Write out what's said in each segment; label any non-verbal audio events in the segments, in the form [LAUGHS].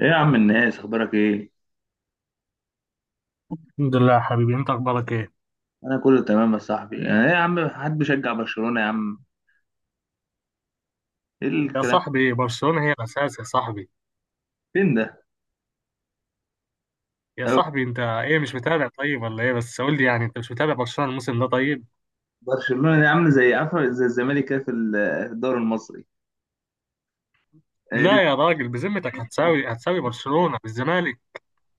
ايه يا عم، الناس، اخبارك ايه؟ الحمد لله يا حبيبي، انت اخبارك ايه؟ انا كله تمام يا صاحبي. يعني ايه يا عم، حد بيشجع برشلونة يا عم؟ ايه يا الكلام؟ صاحبي، برشلونة هي الاساس يا صاحبي. فين ده؟ يا أو صاحبي، انت ايه مش متابع طيب ولا ايه؟ بس قول لي يعني، انت مش متابع برشلونة الموسم ده طيب؟ برشلونة دي عامله زي، عارفه، زي الزمالك كده في في الدوري المصري. هي دي. لا يا راجل، بذمتك هتساوي برشلونة بالزمالك؟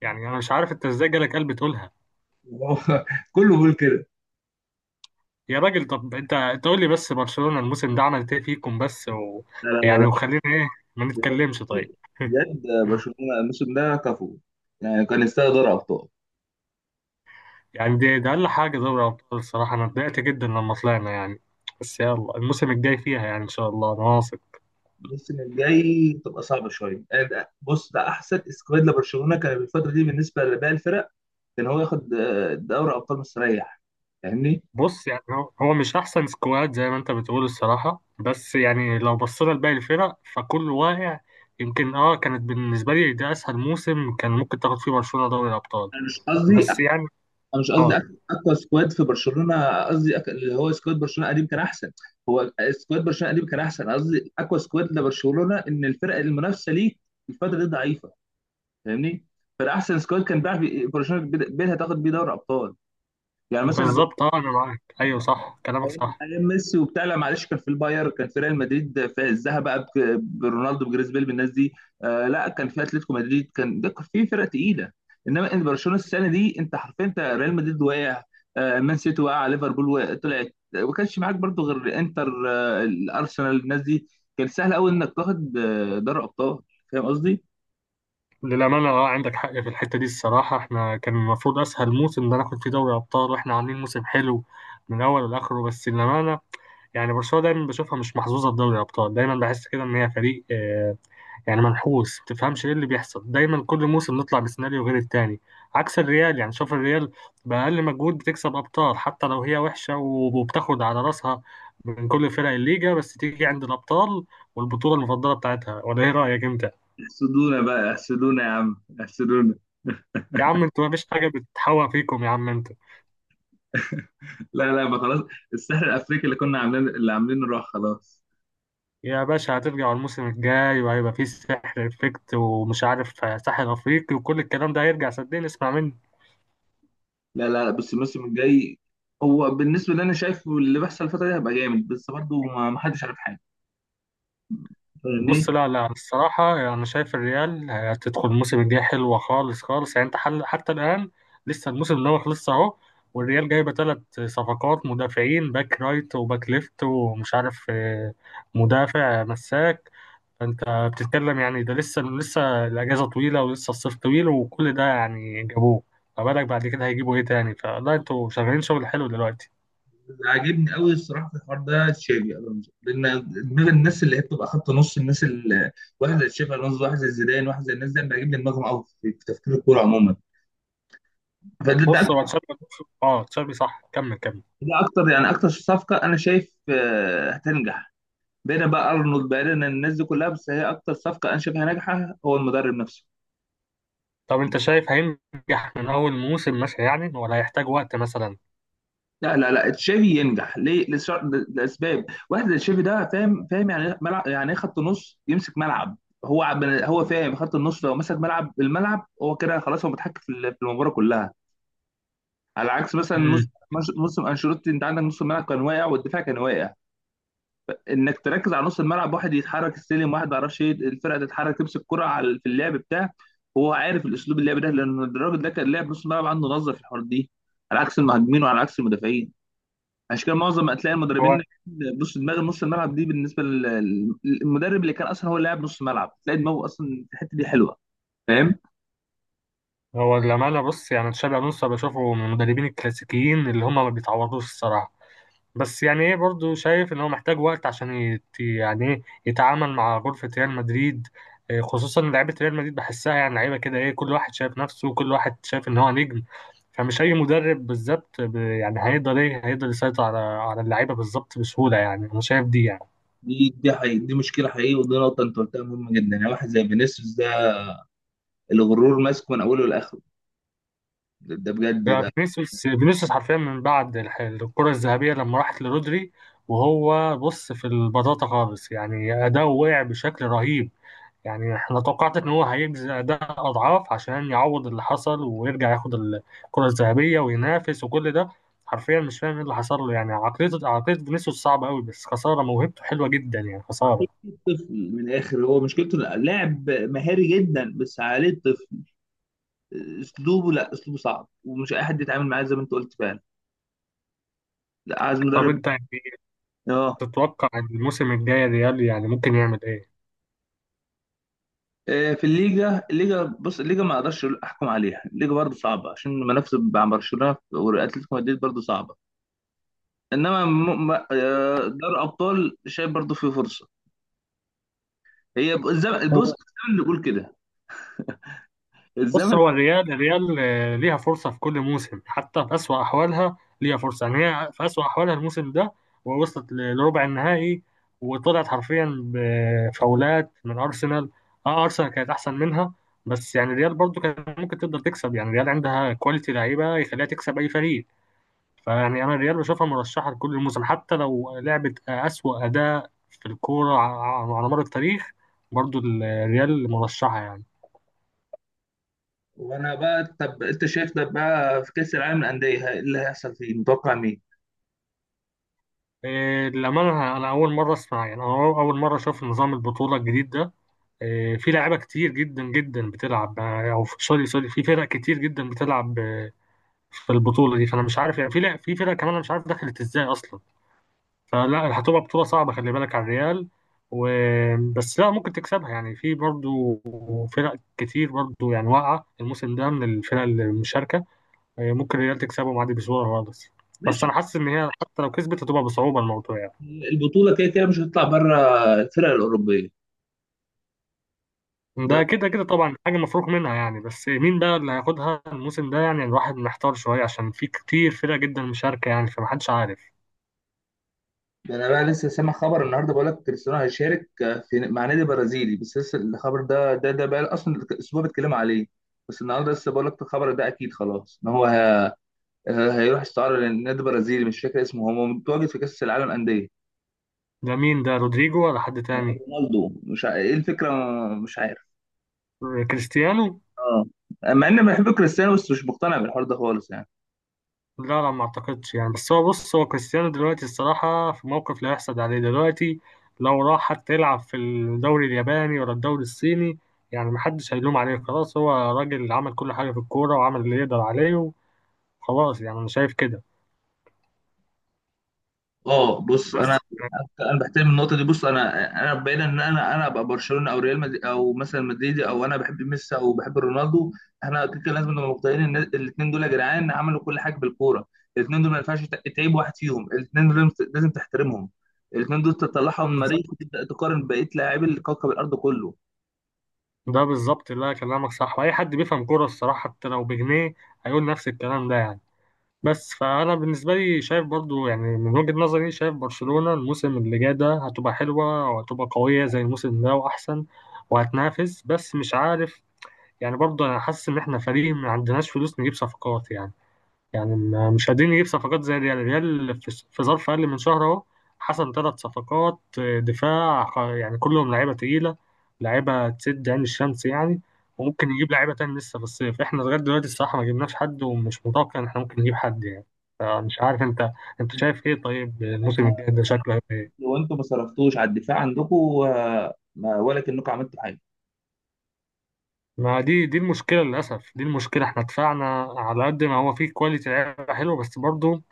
يعني انا مش عارف انت ازاي جالك قلب تقولها. [LAUGHS] كله بيقول كده. يا راجل، طب انت قول لي بس، برشلونة الموسم ده عملت ايه فيكم بس و لا، لا، يعني وخلينا ايه، ما بجد نتكلمش طيب. بجد، برشلونة الموسم ده كفو، يعني كان يستاهل دوري ابطال. يعني ده اقل حاجة دوري ابطال، الصراحة انا اتضايقت جدا لما طلعنا يعني. بس يلا الموسم الجاي فيها يعني، ان شاء الله انا واثق. الموسم الجاي تبقى صعبة شوية. يعني بص، ده أحسن اسكواد لبرشلونة كان الفترة دي بالنسبة لباقي الفرق. كان هو ياخد دوري أبطال مستريح. فاهمني؟ بص يعني هو مش احسن سكواد زي ما انت بتقول الصراحه، بس يعني لو بصينا لباقي الفرق فكل واقع. يمكن كانت بالنسبه لي ده اسهل موسم كان ممكن تاخد فيه برشلونه دوري الابطال. انا مش قصدي، انا بس يعني مش قصدي اه، اقوى سكواد في برشلونه، قصدي اللي هو سكواد برشلونه قديم كان احسن. هو سكواد برشلونه قديم كان احسن، قصدي اقوى سكواد لبرشلونه ان الفرق المنافسه ليه الفتره دي ضعيفه. فاهمني؟ فالاحسن سكواد كان بيلعب برشلونه بيتها تاخد بيه دوري ابطال. يعني مثلا بالظبط انا معاك، ايوه صح، كلامك ايام صح. أيام ميسي وبتاع. لا معلش، كان في الباير، كان في ريال مدريد في عزها بقى، برونالدو، بجريزبيل، بالناس دي. آه لا، كان في اتلتيكو مدريد، كان ده كان في فرق تقيله. انما برشلونه السنه دي انت حرفيا، انت ريال مدريد وقع، آه مان سيتي وقع، ليفربول وقع طلعت، ما كانش معاك برضو غير انتر، آه الارسنال، الناس دي، كان سهل قوي انك تاخد آه دوري ابطال. فاهم قصدي؟ للامانه عندك حق في الحته دي، الصراحه احنا كان المفروض اسهل موسم ده ناخد فيه دوري ابطال، واحنا عاملين موسم حلو من اول لاخره، بس للامانه. يعني برشلونه دايما بشوفها مش محظوظه في دوري الابطال، دايما بحس كده ان هي فريق يعني منحوس، تفهمش ايه اللي بيحصل؟ دايما كل موسم نطلع بسيناريو غير التاني. عكس الريال، يعني شوف الريال، بأقل مجهود بتكسب أبطال حتى لو هي وحشة وبتاخد على راسها من كل فرق الليجا، بس تيجي عند الأبطال والبطولة المفضلة بتاعتها، ولا ايه رأيك انت؟ احسدونا بقى، احسدونا يا عم، احسدونا. يا عم انتوا مفيش حاجة بتتحوى فيكم يا عم انتوا. [LAUGHS] لا لا بقى خلاص، السحر الافريقي اللي كنا عاملين، اللي عاملينه راح خلاص. يا باشا، هترجعوا الموسم الجاي وهيبقى فيه سحر افكت ومش عارف، ساحر افريقي وكل الكلام ده هيرجع، صدقني اسمع مني. لا لا لا، بص الموسم الجاي، هو بالنسبه اللي انا شايفه، اللي بيحصل الفتره دي هيبقى جامد، بس برضه ما حدش عارف حاجه. فاهم ايه؟ بص لا لا، الصراحة أنا يعني شايف الريال هتدخل الموسم الجاي حلوة خالص خالص، يعني أنت حل حتى الآن لسه الموسم ده ما خلصش أهو. والريال جايبة ثلاث صفقات مدافعين، باك رايت وباك ليفت ومش عارف مدافع مساك. فأنت بتتكلم يعني، ده لسه الأجازة طويلة ولسه الصيف طويل وكل ده يعني جابوه، فبالك بعد كده هيجيبوا إيه تاني؟ فلا، أنتوا شغالين شغل حلو دلوقتي. اللي عاجبني قوي الصراحه في الحوار ده تشافي الونزو، لان دماغ الناس اللي هي بتبقى خط نص، الناس اللي واحد زي تشافي الونزو، واحد زي زيدان، واحد زي الناس دي، أنا بيعجبني دماغهم قوي في تفكير الكوره عموما. فده ده, بص هو تشابي، اه تشابي صح، كمل كمل. ده اكتر، يعني اكتر صفقه انا شايف هتنجح. بعيدا بقى ارنولد، بعيدا عن الناس دي كلها، بس هي اكتر صفقه انا شايفها ناجحه هو المدرب نفسه. طب انت شايف هينجح من اول موسم مثلا يعني ولا هيحتاج وقت مثلا؟ لا لا لا، تشافي ينجح ليه؟ لاسباب، واحد زي تشافي ده فاهم، يعني ملعب، يعني إيه، خط نص يمسك ملعب. هو فاهم خط النص، لو مسك ملعب الملعب هو كده خلاص، هو متحكم في في المباراه كلها، على عكس مثلا نص، امم. نص انشيلوتي. انت عندك نص الملعب كان واقع والدفاع كان واقع، انك تركز على نص الملعب، واحد يتحرك السلم، واحد ما يعرفش ايه الفرقه، تتحرك تمسك كرة على في اللعب بتاع. هو عارف الاسلوب اللعب ده لان الراجل ده كان لاعب نص الملعب، عنده نظره في الحوار دي، على عكس المهاجمين وعلى عكس المدافعين. عشان كده معظم هتلاقي هو المدربين، بص دماغ نص الملعب دي بالنسبه للمدرب اللي كان اصلا هو اللاعب نص الملعب، تلاقي دماغه اصلا في الحته دي حلوه. فاهم؟ هو لامال، بص يعني تشابي الونسو بشوفه من المدربين الكلاسيكيين اللي هم ما بيتعوضوش الصراحه. بس يعني ايه، برضه شايف ان هو محتاج وقت عشان يعني ايه يتعامل مع غرفه ريال مدريد. اه، خصوصا لعيبه ريال مدريد بحسها يعني لعيبه كده، ايه، كل واحد شايف نفسه وكل واحد شايف ان هو نجم. فمش اي مدرب بالظبط يعني هيقدر، ايه، هيقدر يسيطر على اللعيبه بالظبط بسهوله، يعني انا شايف دي يعني. دي حقيقة، دي مشكلة حقيقية، ودي نقطة أنت قلتها مهمة جدا. يعني واحد زي فينيسيوس ده، الغرور ماسكه من أوله لآخره. ده بجد يعني بقى، فينيسيوس حرفيا من بعد الكرة الذهبية لما راحت لرودري، وهو بص في البطاطا خالص، يعني أداؤه وقع بشكل رهيب. يعني احنا توقعت ان هو هيجزي أداء أضعاف عشان يعوض اللي حصل ويرجع ياخد الكرة الذهبية وينافس وكل ده. حرفيا مش فاهم ايه اللي حصل له، يعني عقلية فينيسيوس صعبة قوي، بس خسارة موهبته حلوة جدا يعني، خسارة. طفل من الآخر. هو مشكلته إنه لاعب مهاري جدا، بس عليه طفل. أسلوبه، لا، أسلوبه صعب، ومش أي حد يتعامل معاه زي ما أنت قلت فعلا. لا، عايز طب مدرب. انت يعني آه تتوقع الموسم الجاي ريال يعني ممكن يعمل ايه؟ في الليجا، بص الليجا ما اقدرش احكم عليها، الليجا برضه صعبه عشان المنافسه مع برشلونه واتلتيكو مدريد برضه صعبه. انما دوري ابطال شايف برضه فيه فرصه، هي الزمن، بص الزمن اللي بيقول كده. بص الزمن. هو الريال ليها فرصة في كل موسم، حتى في أسوأ أحوالها ليها فرصة، يعني هي في أسوأ أحوالها الموسم ده ووصلت لربع النهائي، وطلعت حرفيا بفاولات من أرسنال. أه، أرسنال كانت أحسن منها، بس يعني الريال برضو كانت ممكن تقدر تكسب، يعني الريال عندها كواليتي لعيبة يخليها تكسب أي فريق. فيعني أنا الريال بشوفها مرشحة لكل الموسم، حتى لو لعبت أسوأ أداء في الكورة على مر التاريخ، برضو الريال مرشحة يعني. وانا بقى، طب انت شايف ده بقى في كاس العالم للانديه اللي هيحصل فيه، متوقع مين؟ إيه، للأمانة، أنا أول مرة أسمع، يعني أنا أول مرة أشوف نظام البطولة الجديد ده. إيه، في لعيبة كتير جدا جدا بتلعب أو سوري سوري، في فرق كتير جدا بتلعب في البطولة دي، فأنا مش عارف يعني، في في فرق كمان أنا مش عارف دخلت إزاي أصلا. فلا، هتبقى بطولة صعبة، خلي بالك على الريال و بس لا، ممكن تكسبها يعني، في برضو فرق كتير برضو يعني واقعة الموسم ده من الفرق المشاركة، إيه، ممكن الريال تكسبهم عادي بسهولة خالص. بس ماشي. أنا حاسس إن هي حتى لو كسبت هتبقى بصعوبة الموضوع يعني. البطوله كده كده مش هتطلع بره الفرق الاوروبيه. ده ده كده كده طبعا حاجة مفروغ منها يعني، بس مين بقى اللي هياخدها الموسم ده؟ يعني الواحد محتار شوية عشان في كتير فرق جدا مشاركة يعني، فمحدش عارف. ده انا بقى لسه سامع خبر النهارده، بقول لك كريستيانو هيشارك في، مع نادي برازيلي، بس لسه الخبر ده، بقى اصلا الاسبوع بيتكلم عليه. بس النهارده لسه بقول لك الخبر ده اكيد خلاص ان هو هيروح استعاره للنادي برازيلي، مش فاكر اسمه، هو متواجد في كاس العالم انديه. ده مين ده، رودريجو ولا حد تاني؟ رونالدو، مش ع- ايه الفكره، مش عارف. كريستيانو. اه، مع اني بحب كريستيانو بس مش مقتنع بالحوار ده خالص يعني. لا لا، ما اعتقدش يعني، بس بص هو كريستيانو دلوقتي الصراحة في موقف لا يحسد عليه دلوقتي. لو راح حتى يلعب في الدوري الياباني ولا الدوري الصيني، يعني محدش هيلوم عليه، خلاص هو راجل عمل كل حاجة في الكورة وعمل اللي يقدر عليه، وخلاص يعني أنا شايف كده. اه بص انا، انا بحترم النقطه دي. بص انا، انا بين ان انا ابقى برشلونه او ريال مدريد، او مثلا مدريدي، او انا بحب ميسي او بحب رونالدو، احنا كده كده لازم نبقى مقتنعين ان الاثنين دول يا جدعان عملوا كل حاجه بالكوره. الاثنين دول ما ينفعش تعيب واحد فيهم، الاثنين دول لازم لازم تحترمهم. الاثنين دول تطلعهم من بس المريخ وتبدا تقارن بقيه لاعبي الكوكب الارض كله. ده بالظبط، اللي كلامك صح، واي حد بيفهم كوره الصراحه حتى لو بجنيه هيقول نفس الكلام ده يعني. بس فانا بالنسبه لي شايف برضو يعني من وجهه نظري، شايف برشلونه الموسم اللي جاي ده هتبقى حلوه وهتبقى قويه زي الموسم ده واحسن وهتنافس، بس مش عارف. يعني برضو انا حاسس ان احنا فريق ما عندناش فلوس نجيب صفقات يعني، يعني مش قادرين نجيب صفقات زي الريال في ظرف أقل من شهر أهو حصل ثلاث صفقات دفاع يعني كلهم لعيبة تقيلة، لعيبة تسد عين الشمس يعني. وممكن يجيب لعيبة تاني لسه في الصيف، احنا لغاية دلوقتي الصراحة ما جبناش حد، ومش متوقع إن احنا ممكن نجيب حد يعني. فمش عارف، أنت شايف إيه طيب؟ الموسم الجاي ده شكله هيبقى إيه؟ لو انتم ما صرفتوش على الدفاع عندكم ولا كأنكم عملتوا حاجه. ما دي المشكلة، للأسف دي المشكلة، احنا دفعنا على قد ما هو فيه كواليتي لعيبة حلوة بس برضه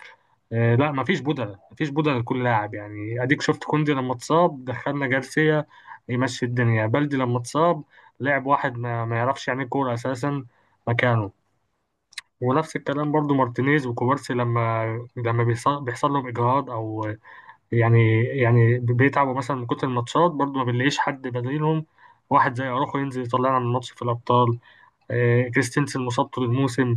لا، مفيش بدلة مفيش بدلة لكل لاعب، يعني اديك شفت كوندي لما اتصاب دخلنا جارسيا، يمشي الدنيا بلدي لما اتصاب. لعب واحد ما يعرفش يعني إيه كورة اساسا مكانه. ونفس الكلام برضو مارتينيز وكوبارسي، لما بيحصل لهم اجهاد او يعني بيتعبوا مثلا من كتر الماتشات، برضو ما بنلاقيش حد بديلهم. واحد زي اروخو ينزل يطلعنا من الماتش في الابطال، كريستنسن مصابته للموسم.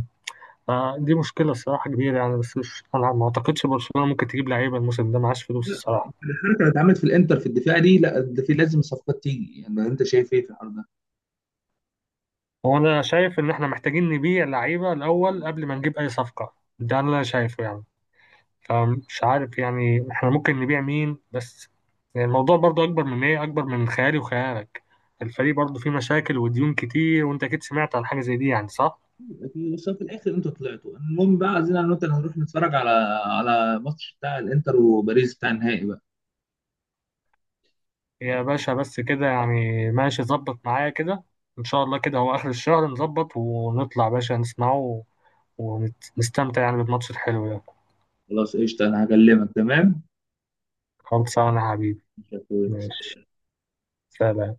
فدي مشكلة الصراحة كبيرة يعني، بس مش، أنا ما أعتقدش برشلونة ممكن تجيب لعيبة الموسم ده معاش فلوس الصراحة. الحركه اللي اتعملت في الانتر في الدفاع دي، لا ده في لازم صفقات تيجي. يعني انت شايف ايه في الحوار ده؟ هو أنا شايف إن إحنا محتاجين نبيع لعيبة الأول قبل ما نجيب أي صفقة، ده اللي أنا شايفه يعني. فمش عارف يعني، إحنا ممكن نبيع مين بس؟ يعني الموضوع برضه أكبر من إيه، أكبر من خيالي وخيالك. الفريق برضه فيه مشاكل وديون كتير، وأنت أكيد سمعت عن حاجة زي دي يعني، صح؟ بس في الاخر انتوا طلعتوا المهم بقى، عايزين انا وانت هنروح نتفرج على، على ماتش بتاع الانتر وباريس بتاع النهائي بقى. يا باشا، بس كده يعني ماشي، ظبط معايا كده. إن شاء الله كده هو آخر الشهر نظبط ونطلع باشا نسمعه، ونستمتع يعني بالماتش الحلو ده. خلاص قشطه، انا هكلمك، تمام؟ خلصانة يا حبيبي. ماشي. سلام.